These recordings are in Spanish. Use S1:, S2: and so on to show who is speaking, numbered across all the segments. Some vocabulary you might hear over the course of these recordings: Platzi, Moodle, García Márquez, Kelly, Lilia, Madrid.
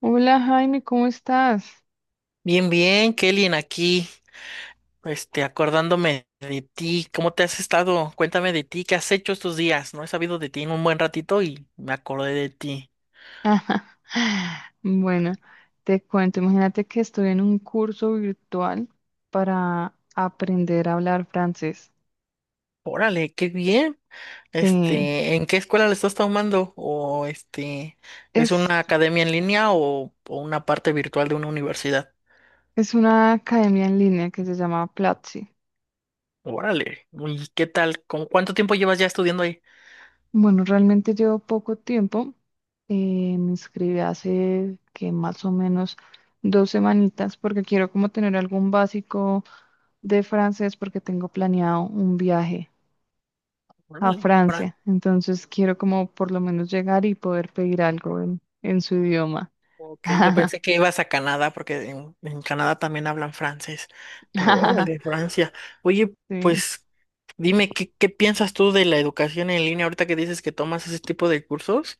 S1: Hola Jaime, ¿cómo estás?
S2: Bien, bien, Kelly, aquí, acordándome de ti, ¿cómo te has estado? Cuéntame de ti, ¿qué has hecho estos días? No he sabido de ti en un buen ratito y me acordé de ti.
S1: Bueno, te cuento, imagínate que estoy en un curso virtual para aprender a hablar francés.
S2: Órale, qué bien.
S1: Sí,
S2: ¿En qué escuela le estás tomando? O ¿es
S1: es,
S2: una academia en línea o una parte virtual de una universidad?
S1: es una academia en línea que se llama Platzi.
S2: Órale, ¿y qué tal? ¿Con cuánto tiempo llevas ya estudiando ahí?
S1: Bueno, realmente llevo poco tiempo. Me inscribí hace que más o menos dos semanitas porque quiero como tener algún básico de francés porque tengo planeado un viaje a
S2: Órale,
S1: Francia. Entonces quiero como por lo menos llegar y poder pedir algo en su idioma.
S2: ok, yo pensé que ibas a Canadá porque en Canadá también hablan francés, pero órale, Francia. Oye,
S1: Sí,
S2: pues dime, ¿qué piensas tú de la educación en línea ahorita que dices que tomas ese tipo de cursos?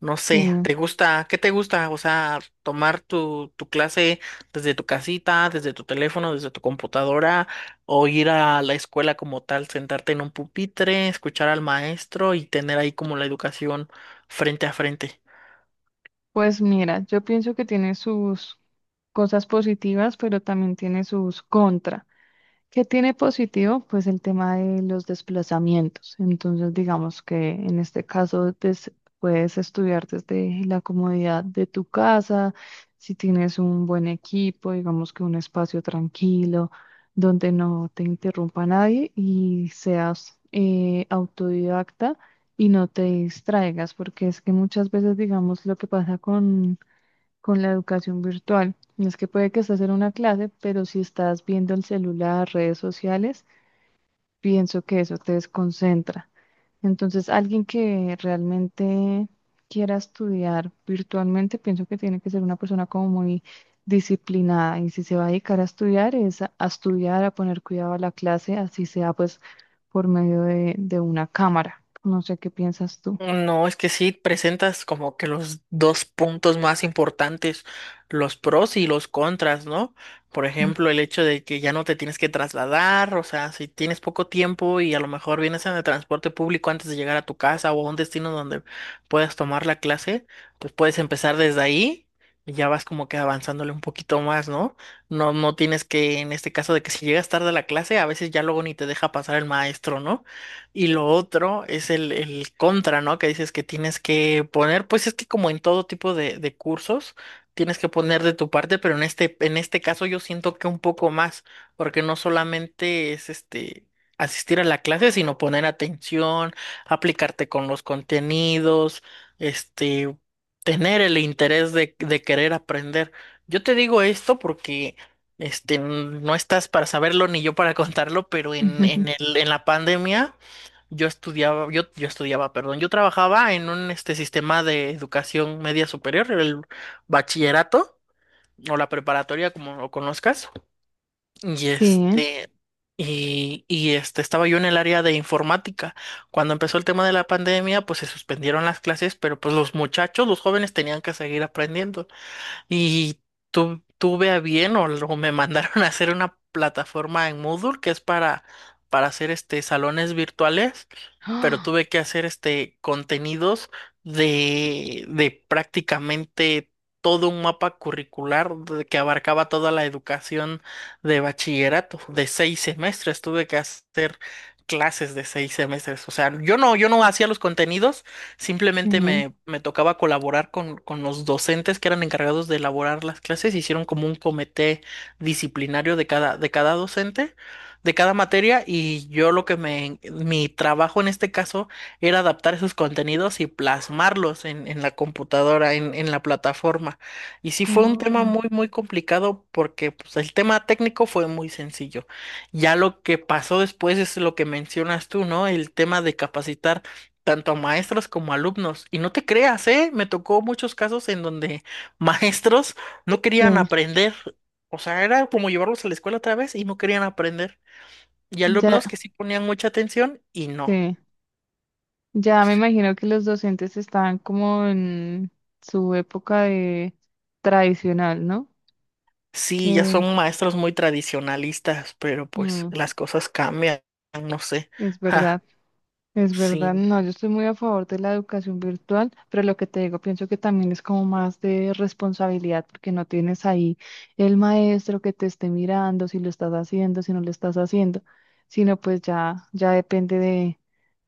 S2: No sé,
S1: sí.
S2: ¿te gusta? ¿Qué te gusta? O sea, tomar tu clase desde tu casita, desde tu teléfono, desde tu computadora, o ir a la escuela como tal, sentarte en un pupitre, escuchar al maestro y tener ahí como la educación frente a frente.
S1: Pues mira, yo pienso que tiene sus cosas positivas, pero también tiene sus contras. ¿Qué tiene positivo? Pues el tema de los desplazamientos. Entonces, digamos que en este caso puedes estudiar desde la comodidad de tu casa, si tienes un buen equipo, digamos que un espacio tranquilo, donde no te interrumpa nadie y seas autodidacta y no te distraigas, porque es que muchas veces, digamos, lo que pasa con la educación virtual. No. Es que puede que estás en una clase, pero si estás viendo el celular, redes sociales, pienso que eso te desconcentra. Entonces, alguien que realmente quiera estudiar virtualmente, pienso que tiene que ser una persona como muy disciplinada y si se va a dedicar a estudiar, es a estudiar, a poner cuidado a la clase, así sea pues por medio de una cámara. No sé qué piensas tú.
S2: No, es que sí presentas como que los dos puntos más importantes, los pros y los contras, ¿no? Por
S1: Mm.
S2: ejemplo, el hecho de que ya no te tienes que trasladar, o sea, si tienes poco tiempo y a lo mejor vienes en el transporte público antes de llegar a tu casa o a un destino donde puedas tomar la clase, pues puedes empezar desde ahí y ya vas como que avanzándole un poquito más, ¿no? No, no tienes que, en este caso de que si llegas tarde a la clase, a veces ya luego ni te deja pasar el maestro, ¿no? Y lo otro es el contra, ¿no? Que dices que tienes que poner, pues es que como en todo tipo de cursos, tienes que poner de tu parte, pero en este caso yo siento que un poco más, porque no solamente es asistir a la clase, sino poner atención, aplicarte con los contenidos, este, tener el interés de querer aprender. Yo te digo esto porque no estás para saberlo ni yo para contarlo, pero en,
S1: Ujú.
S2: en el, en la pandemia. Yo estudiaba, yo estudiaba, perdón, yo trabajaba en un sistema de educación media superior, el bachillerato o la preparatoria, como lo conozcas. Y
S1: Sí.
S2: este, y estaba yo en el área de informática. Cuando empezó el tema de la pandemia, pues se suspendieron las clases, pero pues los muchachos, los jóvenes tenían que seguir aprendiendo. Y tuve a bien me mandaron a hacer una plataforma en Moodle que es para hacer salones virtuales, pero
S1: Ah.
S2: tuve que hacer contenidos de prácticamente todo un mapa curricular que abarcaba toda la educación de bachillerato, de 6 semestres. Tuve que hacer clases de 6 semestres. O sea, yo no hacía los contenidos. Simplemente
S1: Sí.
S2: me tocaba colaborar con los docentes que eran encargados de elaborar las clases. Hicieron como un comité disciplinario de cada docente, de cada materia, y yo lo que mi trabajo en este caso era adaptar esos contenidos y plasmarlos en la computadora, en la plataforma. Y sí fue un tema
S1: Oh,
S2: muy, muy complicado porque pues, el tema técnico fue muy sencillo. Ya lo que pasó después es lo que mencionas tú, ¿no? El tema de capacitar tanto a maestros como a alumnos. Y no te creas, ¿eh? Me tocó muchos casos en donde maestros no querían
S1: sí.
S2: aprender. O sea, era como llevarlos a la escuela otra vez y no querían aprender. Y
S1: Ya,
S2: alumnos que sí ponían mucha atención y no.
S1: sí, ya me imagino que los docentes están como en su época de tradicional, ¿no?
S2: Sí, ya
S1: Que
S2: son maestros muy tradicionalistas, pero pues
S1: mm,
S2: las cosas cambian, no sé.
S1: es verdad.
S2: Ja,
S1: Es verdad,
S2: sí.
S1: no, yo estoy muy a favor de la educación virtual, pero lo que te digo, pienso que también es como más de responsabilidad, porque no tienes ahí el maestro que te esté mirando si lo estás haciendo, si no lo estás haciendo, sino pues ya, ya depende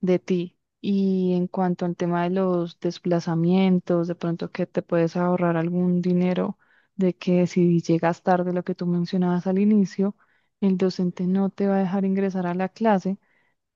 S1: de ti. Y en cuanto al tema de los desplazamientos, de pronto que te puedes ahorrar algún dinero, de que si llegas tarde, lo que tú mencionabas al inicio, el docente no te va a dejar ingresar a la clase,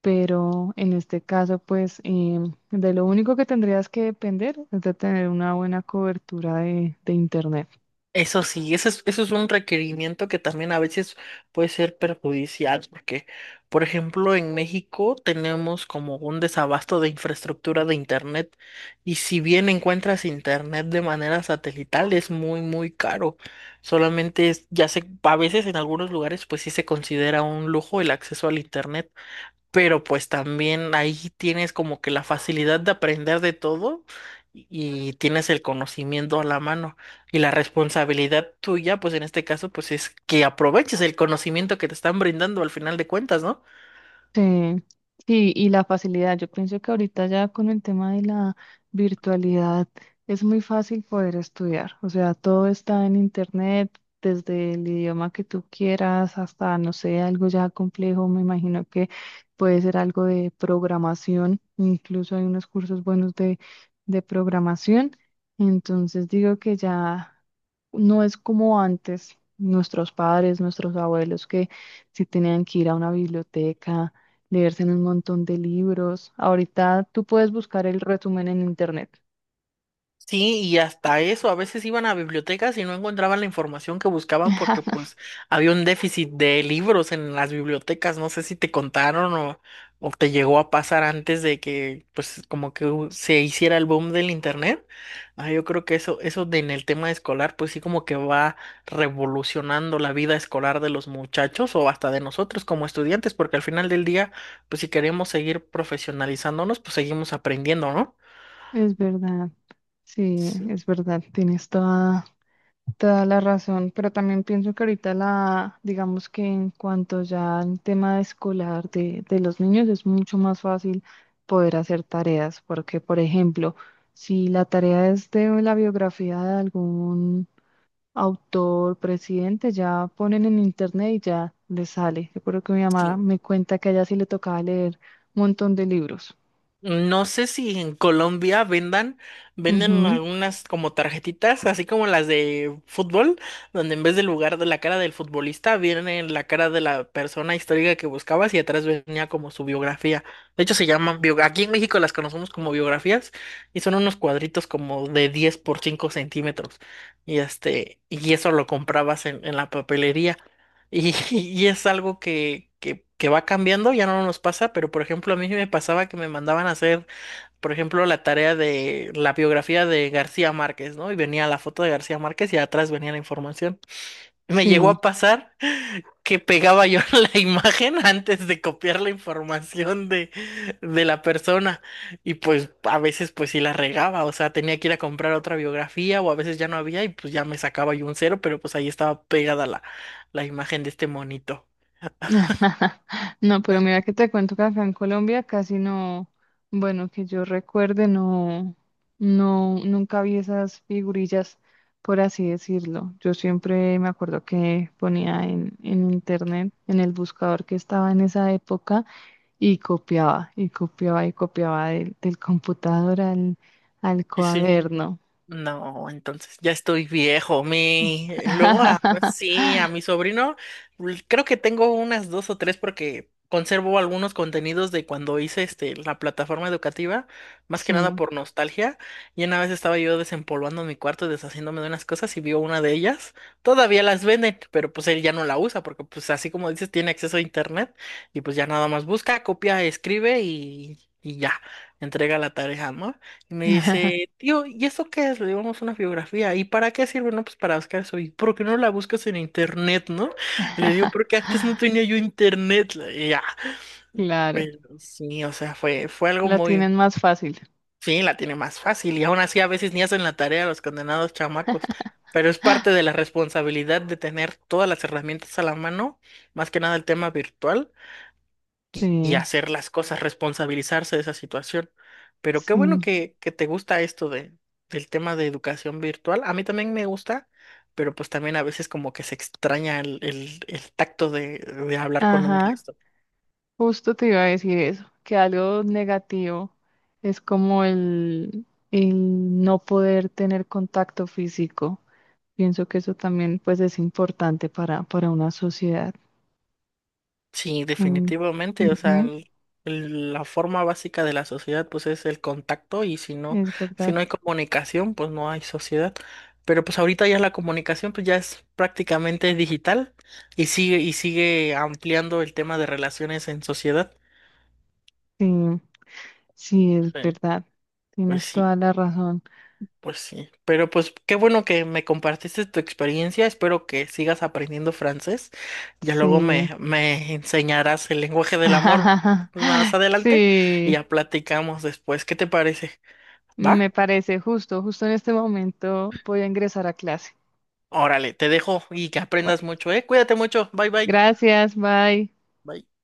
S1: pero en este caso, pues de lo único que tendrías que depender es de tener una buena cobertura de internet.
S2: Eso sí, eso es un requerimiento que también a veces puede ser perjudicial, porque, por ejemplo, en México tenemos como un desabasto de infraestructura de internet, y si bien encuentras internet de manera satelital, es muy, muy caro. Solamente ya se, a veces en algunos lugares, pues sí se considera un lujo el acceso al internet, pero pues también ahí tienes como que la facilidad de aprender de todo y tienes el conocimiento a la mano. Y la responsabilidad tuya, pues en este caso, pues es que aproveches el conocimiento que te están brindando al final de cuentas, ¿no?
S1: Sí, sí, y la facilidad. Yo pienso que ahorita ya con el tema de la virtualidad es muy fácil poder estudiar. O sea, todo está en internet, desde el idioma que tú quieras hasta, no sé, algo ya complejo. Me imagino que puede ser algo de programación. Incluso hay unos cursos buenos de programación. Entonces digo que ya no es como antes, nuestros padres, nuestros abuelos que si tenían que ir a una biblioteca leerse en un montón de libros. Ahorita tú puedes buscar el resumen en internet.
S2: Sí, y hasta eso, a veces iban a bibliotecas y no encontraban la información que buscaban porque pues había un déficit de libros en las bibliotecas, no sé si te contaron o te llegó a pasar antes de que pues como que se hiciera el boom del internet. Ah, yo creo que eso de en el tema escolar pues sí como que va revolucionando la vida escolar de los muchachos o hasta de nosotros como estudiantes, porque al final del día pues si queremos seguir profesionalizándonos pues seguimos aprendiendo, ¿no?
S1: Es verdad, sí, es verdad, tienes toda, toda la razón, pero también pienso que ahorita la, digamos que en cuanto ya al tema escolar de los niños es mucho más fácil poder hacer tareas, porque por ejemplo, si la tarea es de la biografía de algún autor, presidente, ya ponen en internet y ya les sale. Recuerdo que mi mamá
S2: Sí.
S1: me cuenta que a ella sí le tocaba leer un montón de libros.
S2: No sé si en Colombia vendan, venden
S1: Ujú.
S2: algunas como tarjetitas, así como las de fútbol, donde en vez del lugar de la cara del futbolista viene la cara de la persona histórica que buscabas y atrás venía como su biografía. De hecho se llaman aquí en México las conocemos como biografías y son unos cuadritos como de 10 por 5 centímetros. Y este, y eso lo comprabas en la papelería. Y y es algo que va cambiando, ya no nos pasa, pero por ejemplo, a mí me pasaba que me mandaban a hacer, por ejemplo, la tarea de la biografía de García Márquez, ¿no? Y venía la foto de García Márquez y atrás venía la información. Me llegó
S1: Sí.
S2: a pasar que pegaba yo la imagen antes de copiar la información de la persona y pues a veces pues sí la regaba, o sea, tenía que ir a comprar otra biografía o a veces ya no había y pues ya me sacaba yo un cero, pero pues ahí estaba pegada la imagen de este monito.
S1: No, pero mira que te cuento que acá en Colombia casi no, bueno, que yo recuerde, no, no, nunca vi esas figurillas, por así decirlo. Yo siempre me acuerdo que ponía en internet, en el buscador que estaba en esa época, y copiaba, y copiaba, y copiaba del computador al
S2: Sí, sí.
S1: cuaderno.
S2: No, entonces ya estoy viejo. Pues sí, a mi sobrino, creo que tengo unas dos o tres porque conservo algunos contenidos de cuando hice este la plataforma educativa, más que nada
S1: Sí.
S2: por nostalgia. Y una vez estaba yo desempolvando mi cuarto y deshaciéndome de unas cosas y vio una de ellas. Todavía las venden, pero pues él ya no la usa porque pues así como dices, tiene acceso a internet y pues ya nada más busca, copia, escribe y ya, entrega la tarea, ¿no? Y me dice, tío, ¿y eso qué es? Le digo, "Vamos, una biografía". ¿Y para qué sirve? No, pues para buscar eso. ¿Y por qué no la buscas en internet, no? Le digo, porque antes no tenía yo internet. Y ya,
S1: Claro,
S2: pero sí, o sea, fue, fue algo
S1: la
S2: muy,
S1: tienen más fácil.
S2: sí, la tiene más fácil. Y aún así a veces ni hacen la tarea los condenados chamacos. Pero es parte de la responsabilidad de tener todas las herramientas a la mano, más que nada el tema virtual y
S1: Sí,
S2: hacer las cosas, responsabilizarse de esa situación. Pero qué bueno
S1: sí,
S2: que te gusta esto de, del tema de educación virtual. A mí también me gusta, pero pues también a veces como que se extraña el tacto de hablar con un
S1: ajá,
S2: maestro.
S1: justo te iba a decir eso, que algo negativo es como el no poder tener contacto físico. Pienso que eso también pues es importante para una sociedad.
S2: Sí,
S1: Mm,
S2: definitivamente, o sea,
S1: ujú,
S2: la forma básica de la sociedad pues es el contacto y si no,
S1: es
S2: si
S1: verdad,
S2: no hay comunicación pues no hay sociedad. Pero pues ahorita ya la comunicación pues ya es prácticamente digital y sigue ampliando el tema de relaciones en sociedad.
S1: sí, sí, es
S2: Sí.
S1: verdad,
S2: Pues
S1: tienes
S2: sí,
S1: toda la razón,
S2: pues sí, pero pues qué bueno que me compartiste tu experiencia, espero que sigas aprendiendo francés, ya luego
S1: sí,
S2: me enseñarás el lenguaje del amor más adelante y
S1: sí,
S2: ya platicamos después, ¿qué te parece? ¿Va?
S1: me parece justo, justo en este momento voy a ingresar a clase.
S2: Órale, te dejo y que aprendas mucho, ¿eh? Cuídate mucho, bye bye.
S1: Gracias, bye.
S2: Bye.